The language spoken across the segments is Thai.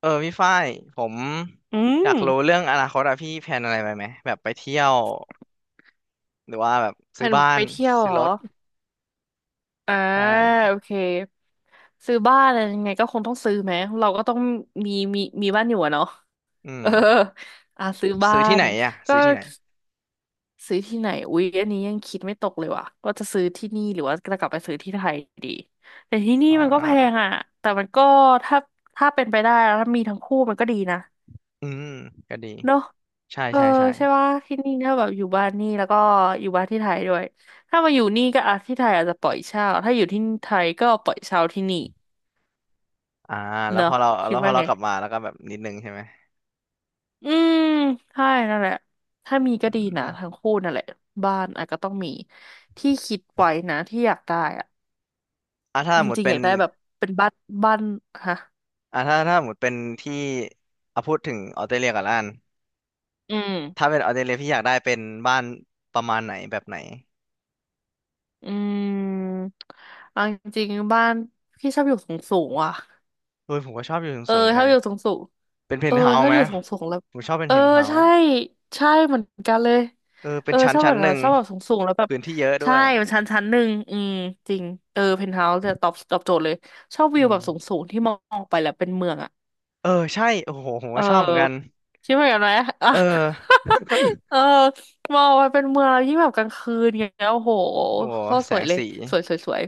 เออพี่ฝ้ายผมอือยากมรู้เรื่องอนาคตอะพี่แพลนอะไรไปไหมแบบไปเที่ยวหรือว่าแบบแผซื้อนบ้าไปนเที่ยวเหซื้รออรถอ่าใช่โอเคซื้อบ้านอะไรยังไงก็คงต้องซื้อไหมเราก็ต้องมีบ้านอยู่อะเนาะอืมเอออ่าซื้อบ้าซื้อที่นไหนอะก็ซื้อที่ไหนซื้อที่ไหนอุ๊ยอันนี้ยังคิดไม่ตกเลยว่ะว่าจะซื้อที่นี่หรือว่าจะกลับไปซื้อที่ไทยดีแต่ที่นี่อ่ามันก็แพงอ่ะแต่มันก็ถ้าถ้าเป็นไปได้แล้วถ้ามีทั้งคู่มันก็ดีนะ อืมก็ดีเนอะใช่เออใช่ใช่ใช่ว่าที่นี่ถ้าแบบอยู่บ้านนี่แล้วก็อยู่บ้านที่ไทยด้วยถ้ามาอยู่นี่ก็อาจที่ไทยอาจจะปล่อยเช่าถ้าอยู่ที่ไทยก็ปล่อยเช่าที่นี่อ่าแล้เนวพอะอเราคิแล้ดวพอว่าเราไงกลับมาแล้วก็แบบนิดนึงใช่ไหมอืมใช่นั่นแหละถ้ามีอืก็ดีนะมทั้งคู่นั่นแหละบ้านอาจก็ต้องมีที่คิดไว้นะที่อยากได้อะอ่าถ้าสจมมติริงๆเป็อนยากได้แบบเป็นบ้านบ้านฮะอ่าถ้าสมมติเป็นที่เอาพูดถึงออสเตรเลียก่อนละกันอืมถ้าเป็นออสเตรเลียพี่อยากได้เป็นบ้านประมาณไหนแบบไหนอืมเอาจริงๆบ้านพี่ชอบอยู่สูงๆอ่ะเฮ้ยผมก็ชอบอยู่เออสูงๆเหมือนชอกับนอยู่สูงสูง เป็นเพเอนอท์เฮาชส์อบไหมอยู่สูงสูงแล้วผมชอบเป็นเออเพนท์เฮา ใช่ใช่เหมือนกันเลยเออเป็เอนอชั้ชนอบแบชั้นบหนั้นึ่นงชอบแบบสูงสูงแล้วแบบพื้นที่เยอะด้ใช่วยมันชั้นหนึ่งอืมจริงเออเพนท์เฮาส์จะตอบโจทย์เลยชอบอืวิวมแบบสูงสูงที่มองออกไปแล้วเป็นเมืองอ่ะเออใช่โอ้โหผมเก็ชอบเหมือนกันออคิดเหมือนกันไหมอ่ะ เออ เออมองไปเป็นเมืองแล้วยิ่งแบบกลางคืนเงี้ยโอ้โหโอ้โหโคตรแสสวยงเลยสีสวยสวยสวย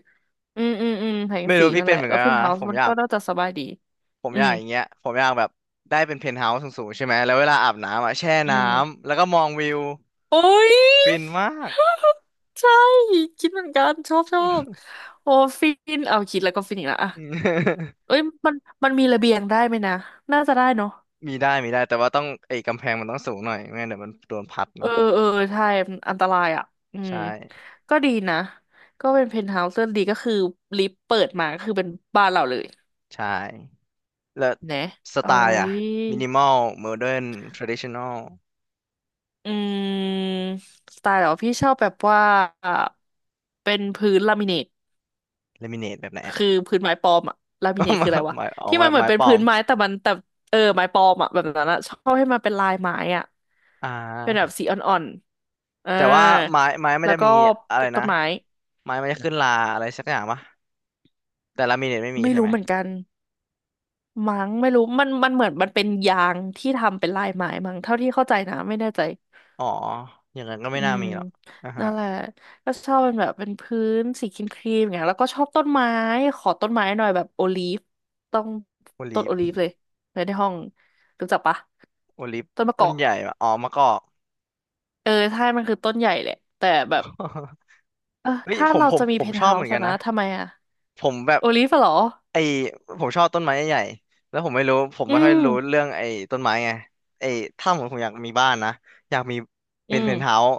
อืมอืมอืมแสงไม่สีรู้พี่นั่นเป็แหนละเหมือนแล้วกันเพนท์เฮาอ่ะผส์มมันอยาก็กน่าจะสบายดีผมอือยามกอย่างเงี้ยผมอยากแบบได้เป็นเพนท์เฮาส์สูงๆใช่ไหมแล้วเวลาอาบน้ำอ่ะแช่อืน้ม ำแล้วก็มองวิวโอ้ย ฟินมากใช่ คิดเหมือนกันชอบชอบโอ้ฟินเอาคิดแล้วก็ฟินอีกแล้วอะอืม เอ้ยมันมันมีระเบียงได้ไหมนะ น่าจะได้เนาะ มีได้มีได้แต่ว่าต้องไอ้กำแพงมันต้องสูงหน่อยไม่งั้นเดี๋ยวมันโดนพัดเออเนาะเออใช่มันอันตรายอ่ะอืมใช่ก็ดีนะ ก็เป็นเพนท์เฮาส์เรื่อดีก็คือลิฟต์เปิดมาก็คือเป็นบ้านเราเลยใช่แล้วนะสโอ้ไตล์อ่ะย มินิมอลโมเดิร์นทรดิชันนอลอืมสไตล์เหรอพี่ชอบแบบว่า เป็นพื้นลามิเนต เลมิเนตแบบไหน คือพื้นไม้ปลอมอะลา มิก็เนตไม้คืออะไรวะไม้อ๋อที่ไม้มันเหมือไม้นเป็นปลอพื้มนไม้แต่มันแต่เออไม้ปลอมอะแบบนั้นอะชอบให้มันเป็นลายไม้อะอ่เป็นแบบาสีอ่อนๆอ่าแต่ว่าไม้ไม้มันแล้วจะก็มีอะปไรลูกนะต้นไม้ไม้มันจะขึ้นราอะไรสักอย่างปะแต่ลามิเนตไม่มีไม่ใช่ไหรู้มเหมือนกันมั้งไม่รู้มันเหมือนมันเป็นยางที่ทำเป็นลายไม้มั้งเท่าที่เข้าใจนะไม่แน่ใจ อ๋ออย่างนั้นก็ไม่อืน่ามมีหรอกอ่าฮะนั่นแหละก็ชอบเป็นแบบเป็นพื้นสีครีมครีมอย่างเงี้ยแล้วก็ชอบต้นไม้ขอต้นไม้หน่อยแบบโอลีฟต้องโอต้ลินฟโอลีฟเลยเลยในห้องรู้จักปะโอลิฟต้นมะกต้นอกใหญ่ปะอ๋อมะกอก เออใช่มันคือต้นใหญ่แหละแต่แบบ เออเฮ้ยถ้าผมเราผมจะมีผเพมนชท์อบเฮาเหมือนส์กันนะนะทำไมอะผมแบบ โอลีฟอะเหรอไอผมชอบต้นไม้ใหญ่ๆแล้วผมไม่รู้ผมอืไม่ค่อยมรู้เรื่องไอ้ต้นไม้ไงไอ้ถ้าผมผมอยากมีบ้านนะอยากมีอืเป็นเพมนท์เฮาส์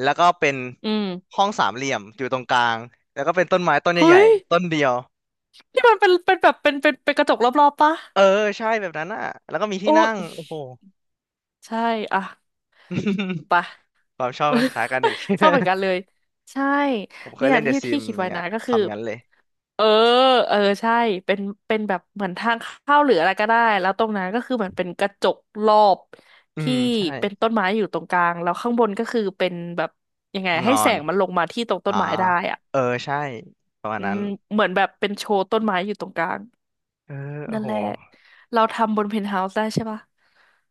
แล้วก็เป็นอืมห้องสามเหลี่ยมอยู่ตรงกลางแล้วก็เป็นต้นไม้ต้นใหเฮ้ญ่ยๆต้นเดียวนี่มันเป็นเป็นแบบเป็นเป็นเป็นกระจกรอบๆปะเออใช่แบบนั้นอ่ะแล้วก็มีโอที่นั่งโอ้้โห ใช่อ่ะ ไป ความชอบคล้ายกันอีก ชอบเหมือน กันเลยใช่ผมเคเนี่ยยเล่นเดอะที่ซิที่มคิดไว้เนี่ยนะก็คือทำงั้นเลยเออเออใช่เป็นเป็นแบบเหมือนทางเข้าหรืออะไรก็ได้แล้วตรงนั้นก็คือเหมือนเป็นกระจกรอบอืที่มใช่เป็นต้นไม้อยู่ตรงกลางแล้วข้างบนก็คือเป็นแบบยังไงห้องนให้อแสนงมันลงมาที่ตรงต้อ่านไม้ได้อ่ะเออใช่ประมาณอืนั้มนเหมือนแบบเป็นโชว์ต้นไม้อยู่ตรงกลางเออโอ้นั่นโหแหละเราทำบนเพนท์เฮาส์ได้ใช่ปะ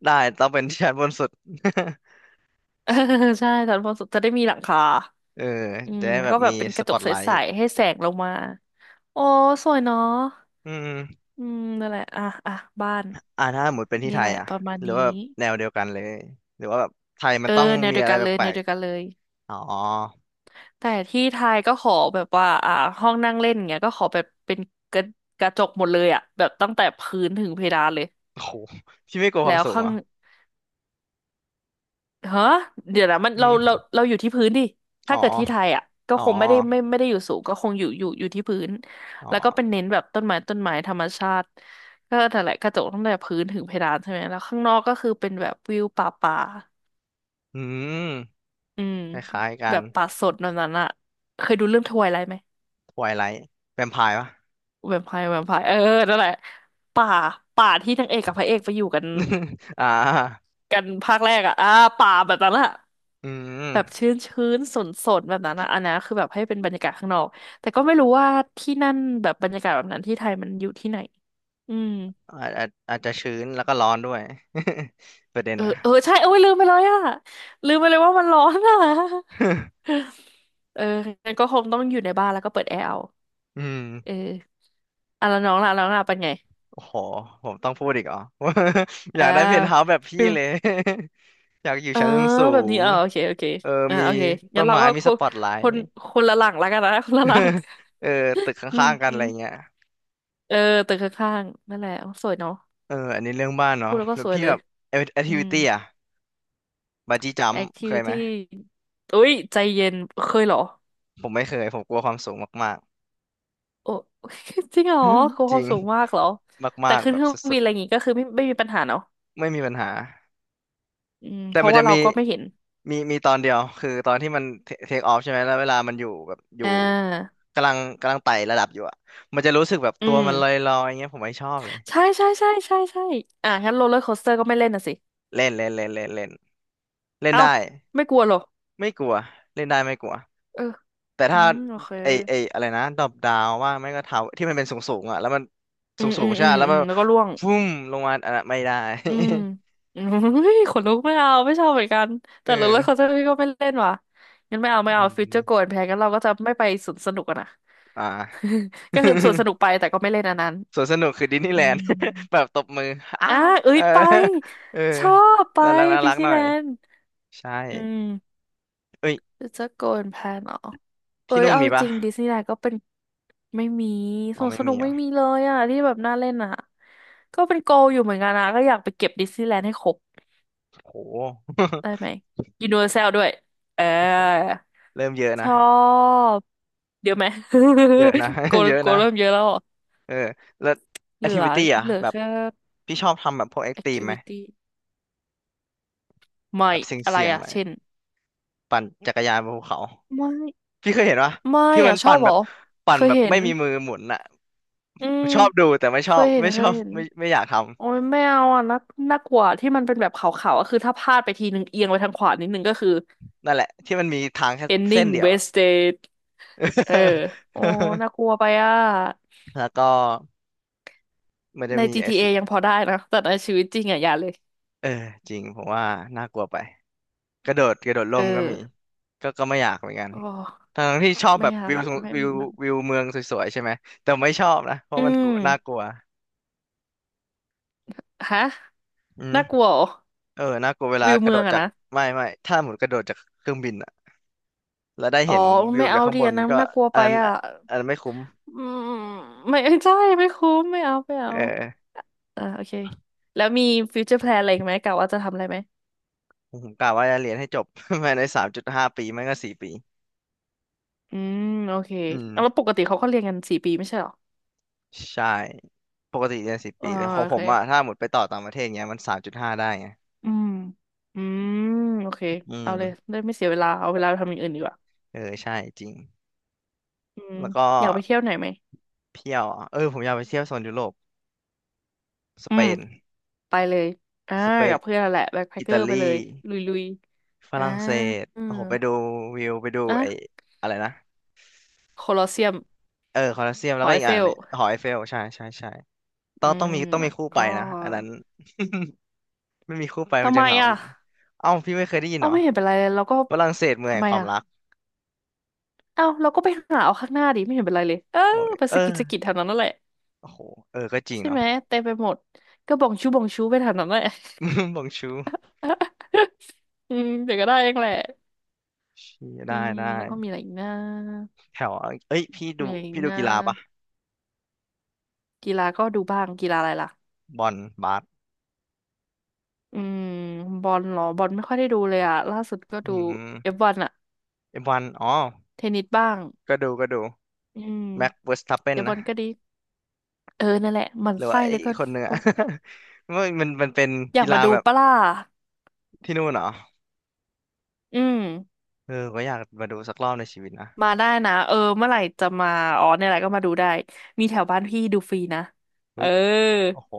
ได้ต้องเป็นชั้นบนสุด เออใช่ตอนพอสุดจะได้มีหลังคาเอออืจะมได้แบก็บแบมีบเป็นกสระจปอกตใไลสท์ๆให้แสงลงมาโอ้สวยเนาะอืมอืมนั่นแหละ อ่ะอ่ะบ้านอ่าถ้าหมดเป็นที่นี่ไทแหยละอ่ะประมาณหรือว่านี้ แบบแนวเดียวกันเลยหรือว่าแบบไทยมันเออต้องแนวมีเดียวอะไรกันเลยแปแนลวกเดียวกันเลยๆอ๋อแต่ที่ไทยก็ขอแบบว่าอ่าห้องนั่งเล่นเงี้ยก็ขอแบบเป็นกระกระจกหมดเลยอ่ะแบบตั้งแต่พื้นถึงเพดานเลยโอ้โหพี่ไม่กลัวความแล้วสูงเหข้ารง อ่ะฮะเดี๋ยวนะมันอืเรามเราเราอยู่ที่พื้นดิอ๋ถ้าอ เกิดที่ไทยอ่ะก็อ๋อ คงไม่ได้ไม่ได้อยู่สูงก็คงอยู่อยู่ที่พื้นอ๋อแล้วก็เป็นเน้นแบบต้นไม้ต้นไม้ธรรมชาติก็แต่นแหละกระจกตั้งแต่พื้นถึงเพดานใช่ไหมแล้วข้างนอกก็คือเป็นแบบวิวป่าป่าอืมอืมคล้ายๆกัแบนบป่าสดแบบนั้นอ่ะเคยดูเรื่องทไวไลท์ไหมทวายไลท์แวมไพร์ปะ แวมไพร์แวมไพร์เออนั่นแหละป่าป่าที่นางเอกกับพระเอกไปอยู่กัน อ่ากันภาคแรกอ่ะอ่าป่าแบบนั้นอ่ะ อืแบบมชื้นชื้นสนสนแบบนั้นอะอันนั้นคือแบบให้เป็นบรรยากาศข้างนอกแต่ก็ไม่รู้ว่าที่นั่นแบบบรรยากาศแบบนั้นที่ไทยมันอยู่ที่ไหนอืมอาจจะชื้นแล้วก็ร้อนด้วย ประเด็นเออนะ เออใช่เอ้ยลืมไปเลยอะลืมไปเลยว่ามันร้อนอะ เอองั้นก็คงต้องอยู่ในบ้านแล้วก็เปิดแอร์เอาอืมเอออ่ะแล้วน้องล่ะแล้วน้องล่ะเป็นไงโอ้โหผมต้องพูดอีกเหรอ ออ่ายากได้เพนท์เฮาส์แบบพี่ฟิลเลย อยากอยู่เออชั้นสูแบบนี้งเออโอเคโอเคเอออ่ามีโอเคต้งั้นนเราไม้ก็มีคสนปอตไลคนท์ คนละหลังแล้วกันนะ คนละหลัง เออตึกขอื้างๆกันอะไรเงี้ยมเออตึกข้างๆนั่นแหละโอ้สวยเนาะ เอออันนี้เรื่องบ้านเนาะพูดแล้วก็แล้วสวยพี่เลแบย บแอคอืทิวิม ตี้อะบาจี้จัม เคยไหม activity อุ้ย ใจเย็น เคยเหรอผมไม่เคย ผมกลัวความสูงมากโอ้ จริงเหรอๆ คือ จคริวามงสูงมากเหรอ แต่มากๆขึ้นแบเคบรื่อสงุบิดนอะไรอย่างงี้ก็คือไม่มีปัญหาเนาะๆไม่มีปัญหา อืม แต่เพมัราะนว่าจะเรามีก็ไม่เห็น มีมีตอนเดียวคือตอนที่มันเทคออฟใช่ไหม แล้วเวลามันอยู่แบบอยู่อ่า กำลังไต่ระดับอยู่อะ มันจะรู้สึกแบบอืตัวม มันลอยๆอย่างเงี้ยผมไม่ชอบเลยใช่ใช่ใช่ใช่ใช่อ่ะงั้นโรลเลอร์โคสเตอร์ก็ไม่เล่นน่ะสิ เล่นเล่นเล่นเล่นเล่นเล่นเอ้า ได้ ไม่กลัวเหรอไม่กลัวเล่นได้ไม่กลัวเออแต่อืถ้ามโอเค ไอไออะไรนะดรอปดาวว่างไม่ก็เท้าที่มันเป็นสูงสูงอ่ะแล้วมันอืสูงมสูอืงมใช่อืมปะแล้วอืมันมแล้วก็ร่วง ฟุ้มลงมาอันนั้นไม่ได้ อืม อืมเฮ้ยขนลุกไม่เอาไม่ชอบเหมือนกัน เแต่รู้แล้วเขาจะออพี่ก็ไม่เล่นว่ะงั้นไม่เอาไม่อืเอาฟิวเจอร์โกมนแพงงั้นเราก็จะไม่ไปสวนสนุกอะนะ อ่า ก็คือสวนสนุกไปแต่ก็ไม่เล่นอันนั้น สวนสนุกคือดิสนีย์ อืแลนมด์ แบบตบมืออ้าอ่ะเอ้เอยอ ไป เออชอบไปน่ารักน่าดิรัสกนีหน่ย์อแลยนด์ใช่อืมเอ้ยฟิวเจอร์โกนแพงเหรอเอ้ที่ยนู่นเอามีจปะริงดิสนีย์แลนด์ก็เป็นไม่มีอ๋สอวนไม่สนุมีกเหรไม่มีอ่ะเลยอะที่แบบน่าเล่นอะก็เป็นโกลอยู่เหมือนกันนะก็อยากไปเก็บดิสนีย์แลนด์ให้ครบ โห ได้ไหมยูนิเวอร์แซลด้วยเออ โอ้โหเริ่มเยอะชนะอบเดี๋ยวไหม เยอะนะ โก เยอะโกนะ เริ่มเยอะแล้วอ่ะเออแล้วแอเหลืทิอวิตี้อ่ะเหลือแบบแค่ พี่ชอบทำแบบพวกแอคทีฟไหม activity ไม่แบบเสอะไรี่ยงๆอ่ะหน่อยเช่นปั่นจักรยานบนภูเขาไม่พี่เคยเห็นปะไม่ที่มัอ่ะนชอปั่นบเหแบรอบเคปั่นยแบบเห็ไม่นมีมือหมุนอ่ะอืมชอบดูแต่ไม่เคชอบยเห็นไม่เคชอยบเห็นไม่ไม่อยากทำโอ้ยไม่เอาอ่ะน่าน่ากลัวที่มันเป็นแบบขาวๆก็คือถ้าพลาดไปทีนึงเอียงไปทางขวานิดนึงก็คือ นั่นแหละที่มันมีทางแค่เส้น ending เดียวอะ wasted เออโอ้น่ากลัวไปอ่ะ แล้วก็มันจะใน มีแอค GTA ทียังพอได้นะแต่ในชีวิตจริงอ่ะอย่าเลย เออจริงผมว่าน่ากลัวไป กระโดดกระโดดร่เออมก็มีก็ก็ไม่อยากเหมือนกันโอ้ทั้งที่ชอบไม่แบบอยากวิวอะสงไม่วิวมันวิวเมืองสวยๆใช่ไหมแต่ไม่ชอบนะเพราะอืมันกลัมวน่ากลัวฮะอืมน่ากลัวเหรอเออน่ากลัวเวลาวิวกระเมืโดองดอะจากนะไม่ไม่ถ้าหมุนกระโดดจากเครื่องบินอะแล้วได้อ๋อเห็นวิไม่วจาเอากข้างดีบนอันมันั้นนก็น่ากลัวอัไปนนั้นอะอันนั้นไม่คุ้มอืมไม่ ใช่ไม่คุ้มไม่เอาไม่เอเอาออ่าโอเคแล้วมีฟิวเจอร์แพลนอะไรอีกไหมกะว่าจะทำอะไรไหมผมกะว่าจะเรียนให้จบ ภายใน3.5 ปีไม่ก็สี่ปีอืมโอเคอืมเอาแล้วปกติเขาก็เรียนกันสี่ปีไม่ใช่เหรอใช่ปกติเรียนสี่ปีอ่าแต่ของโอผเคมอะถ้าหมดไปต่อต่างประเทศเงี้ยมันสามจุดห้าได้ไงอืมอืมโอเคอืเอาเลยมได้ไม่เสียเวลาเอาเวลาไปทำอย่างอื่นดีกว่าเออใช่จริงอืมแล้วก็ อยากไปเที่ยวไหนไหมเที่ยวอ่ะเออผมอยากไปเที่ยวโซนยุโรปสอืเปม นไปเลยอ่าสเปนกับเพื่อนนั่นแหละแบ็คแพคอิเกอตาร์ไปเลลียลุยลุยฝอ่ารั่งเศสอืโอ้มโหไปดูวิวไปดูอ่ะไอ้อะไรนะโคลอสเซียมเออคอลอสเซียมหแล้วอก็ไออีกเฟอันลเนี่ยหอไอเฟลใช่ใช่ใช่ต้อืองต้องมมีต้องแล้มีวคู่ไปก็นะอันนั้น ไม่มีคู่ไปมัทำนไมจะเหงาอ่ะหน่อยเอ้าพี่ไม่เคยได้ยินเอ้าเหรอไม่เห็นเป็นไรเลยเราก็ฝรั่งเศสเมืองทำแห่งไมความอ่ะรักเอ้าเราก็ไปหาเอาข้างหน้าดิไม่เห็นเป็นไรเลยเออโอ้ยไปเออสะกิดสะกิดแถวนั้นนั่นแหละโอ้โหเออก็จริงใช่เนาะ ไหมเต็มไปหมดก็บองชูบองชูไปแถวนั้นแหละ บองชู อืมเดี๋ยวก็ได้เองแหละชี้อืได้มได้แล้วก็มีอะไรอีกนะแถวเอ้ยพี่ดูมีอะไรอีกพี่ดูนะกีฬาปะกีฬาก็ดูบ้างกีฬาอะไรล่ะ บอลบาสอืมบอลเหรอบอลไม่ค่อยได้ดูเลยอะล่าสุดก็อืดูเอฟมวันอะไอ้บอลอ๋อ เทนนิสบ้างก็ดูก็ดูอืมแม็กเวอร์สตัปเปนเดี๋ยวบอนะลก็ดีเออนั่นแหละหมันหรือว่าไส้ไอ้แล้วก็คนหนึ่งโอ๊อะ ย มันเป็นอยากีกฬามาดูแบบปะล่ะที่นู่นเหรออืมเออก็อยากมาดูสักรอบในชีวิตนะมาได้นะเออเมื่อไหร่จะมาอ๋อเนี่ยแหละก็มาดูได้มีแถวบ้านพี่ดูฟรีนะเอเฮ้อยโอ้โห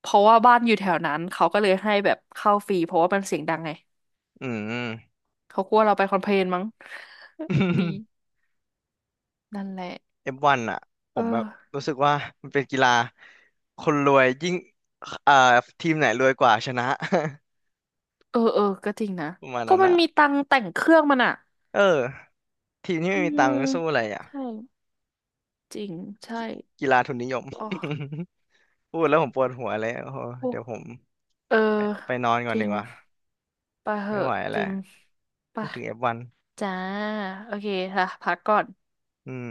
เพราะว่าบ้านอยู่แถวนั้นเขาก็เลยให้แบบเข้าฟรีเพราะว่ามันเสียงดังไงอืม เขากลัวเราไปคอมเพลนมั้ง ดี นั่นแหละเอฟวันอะผเอมแบบอ รู้สึกว่ามันเป็นกีฬาคนรวยยิ่งเอ่อทีมไหนรวยกว่าชนะ เออเออ ก็จริงนะ ประมาณก็นั้นมันอะมีตังค์แต่งเครื่องมันอ่ะ เออทีมที่อืไม่มีตัมงค์สู้อะไรอะใช่ จริง ใช่ กีฬาทุนนิยม อ๋อ พูดแล้วผมปวดหัวเลยโอ้โหโอ้เดี๋ยวผมเออ ไปนอนก่จอนริดีงกว่าไปเหไม่ไหอะวจแล้วริงไปพูดถึงเอฟวัน จ้า โอเคค่ะพักก่อนอืม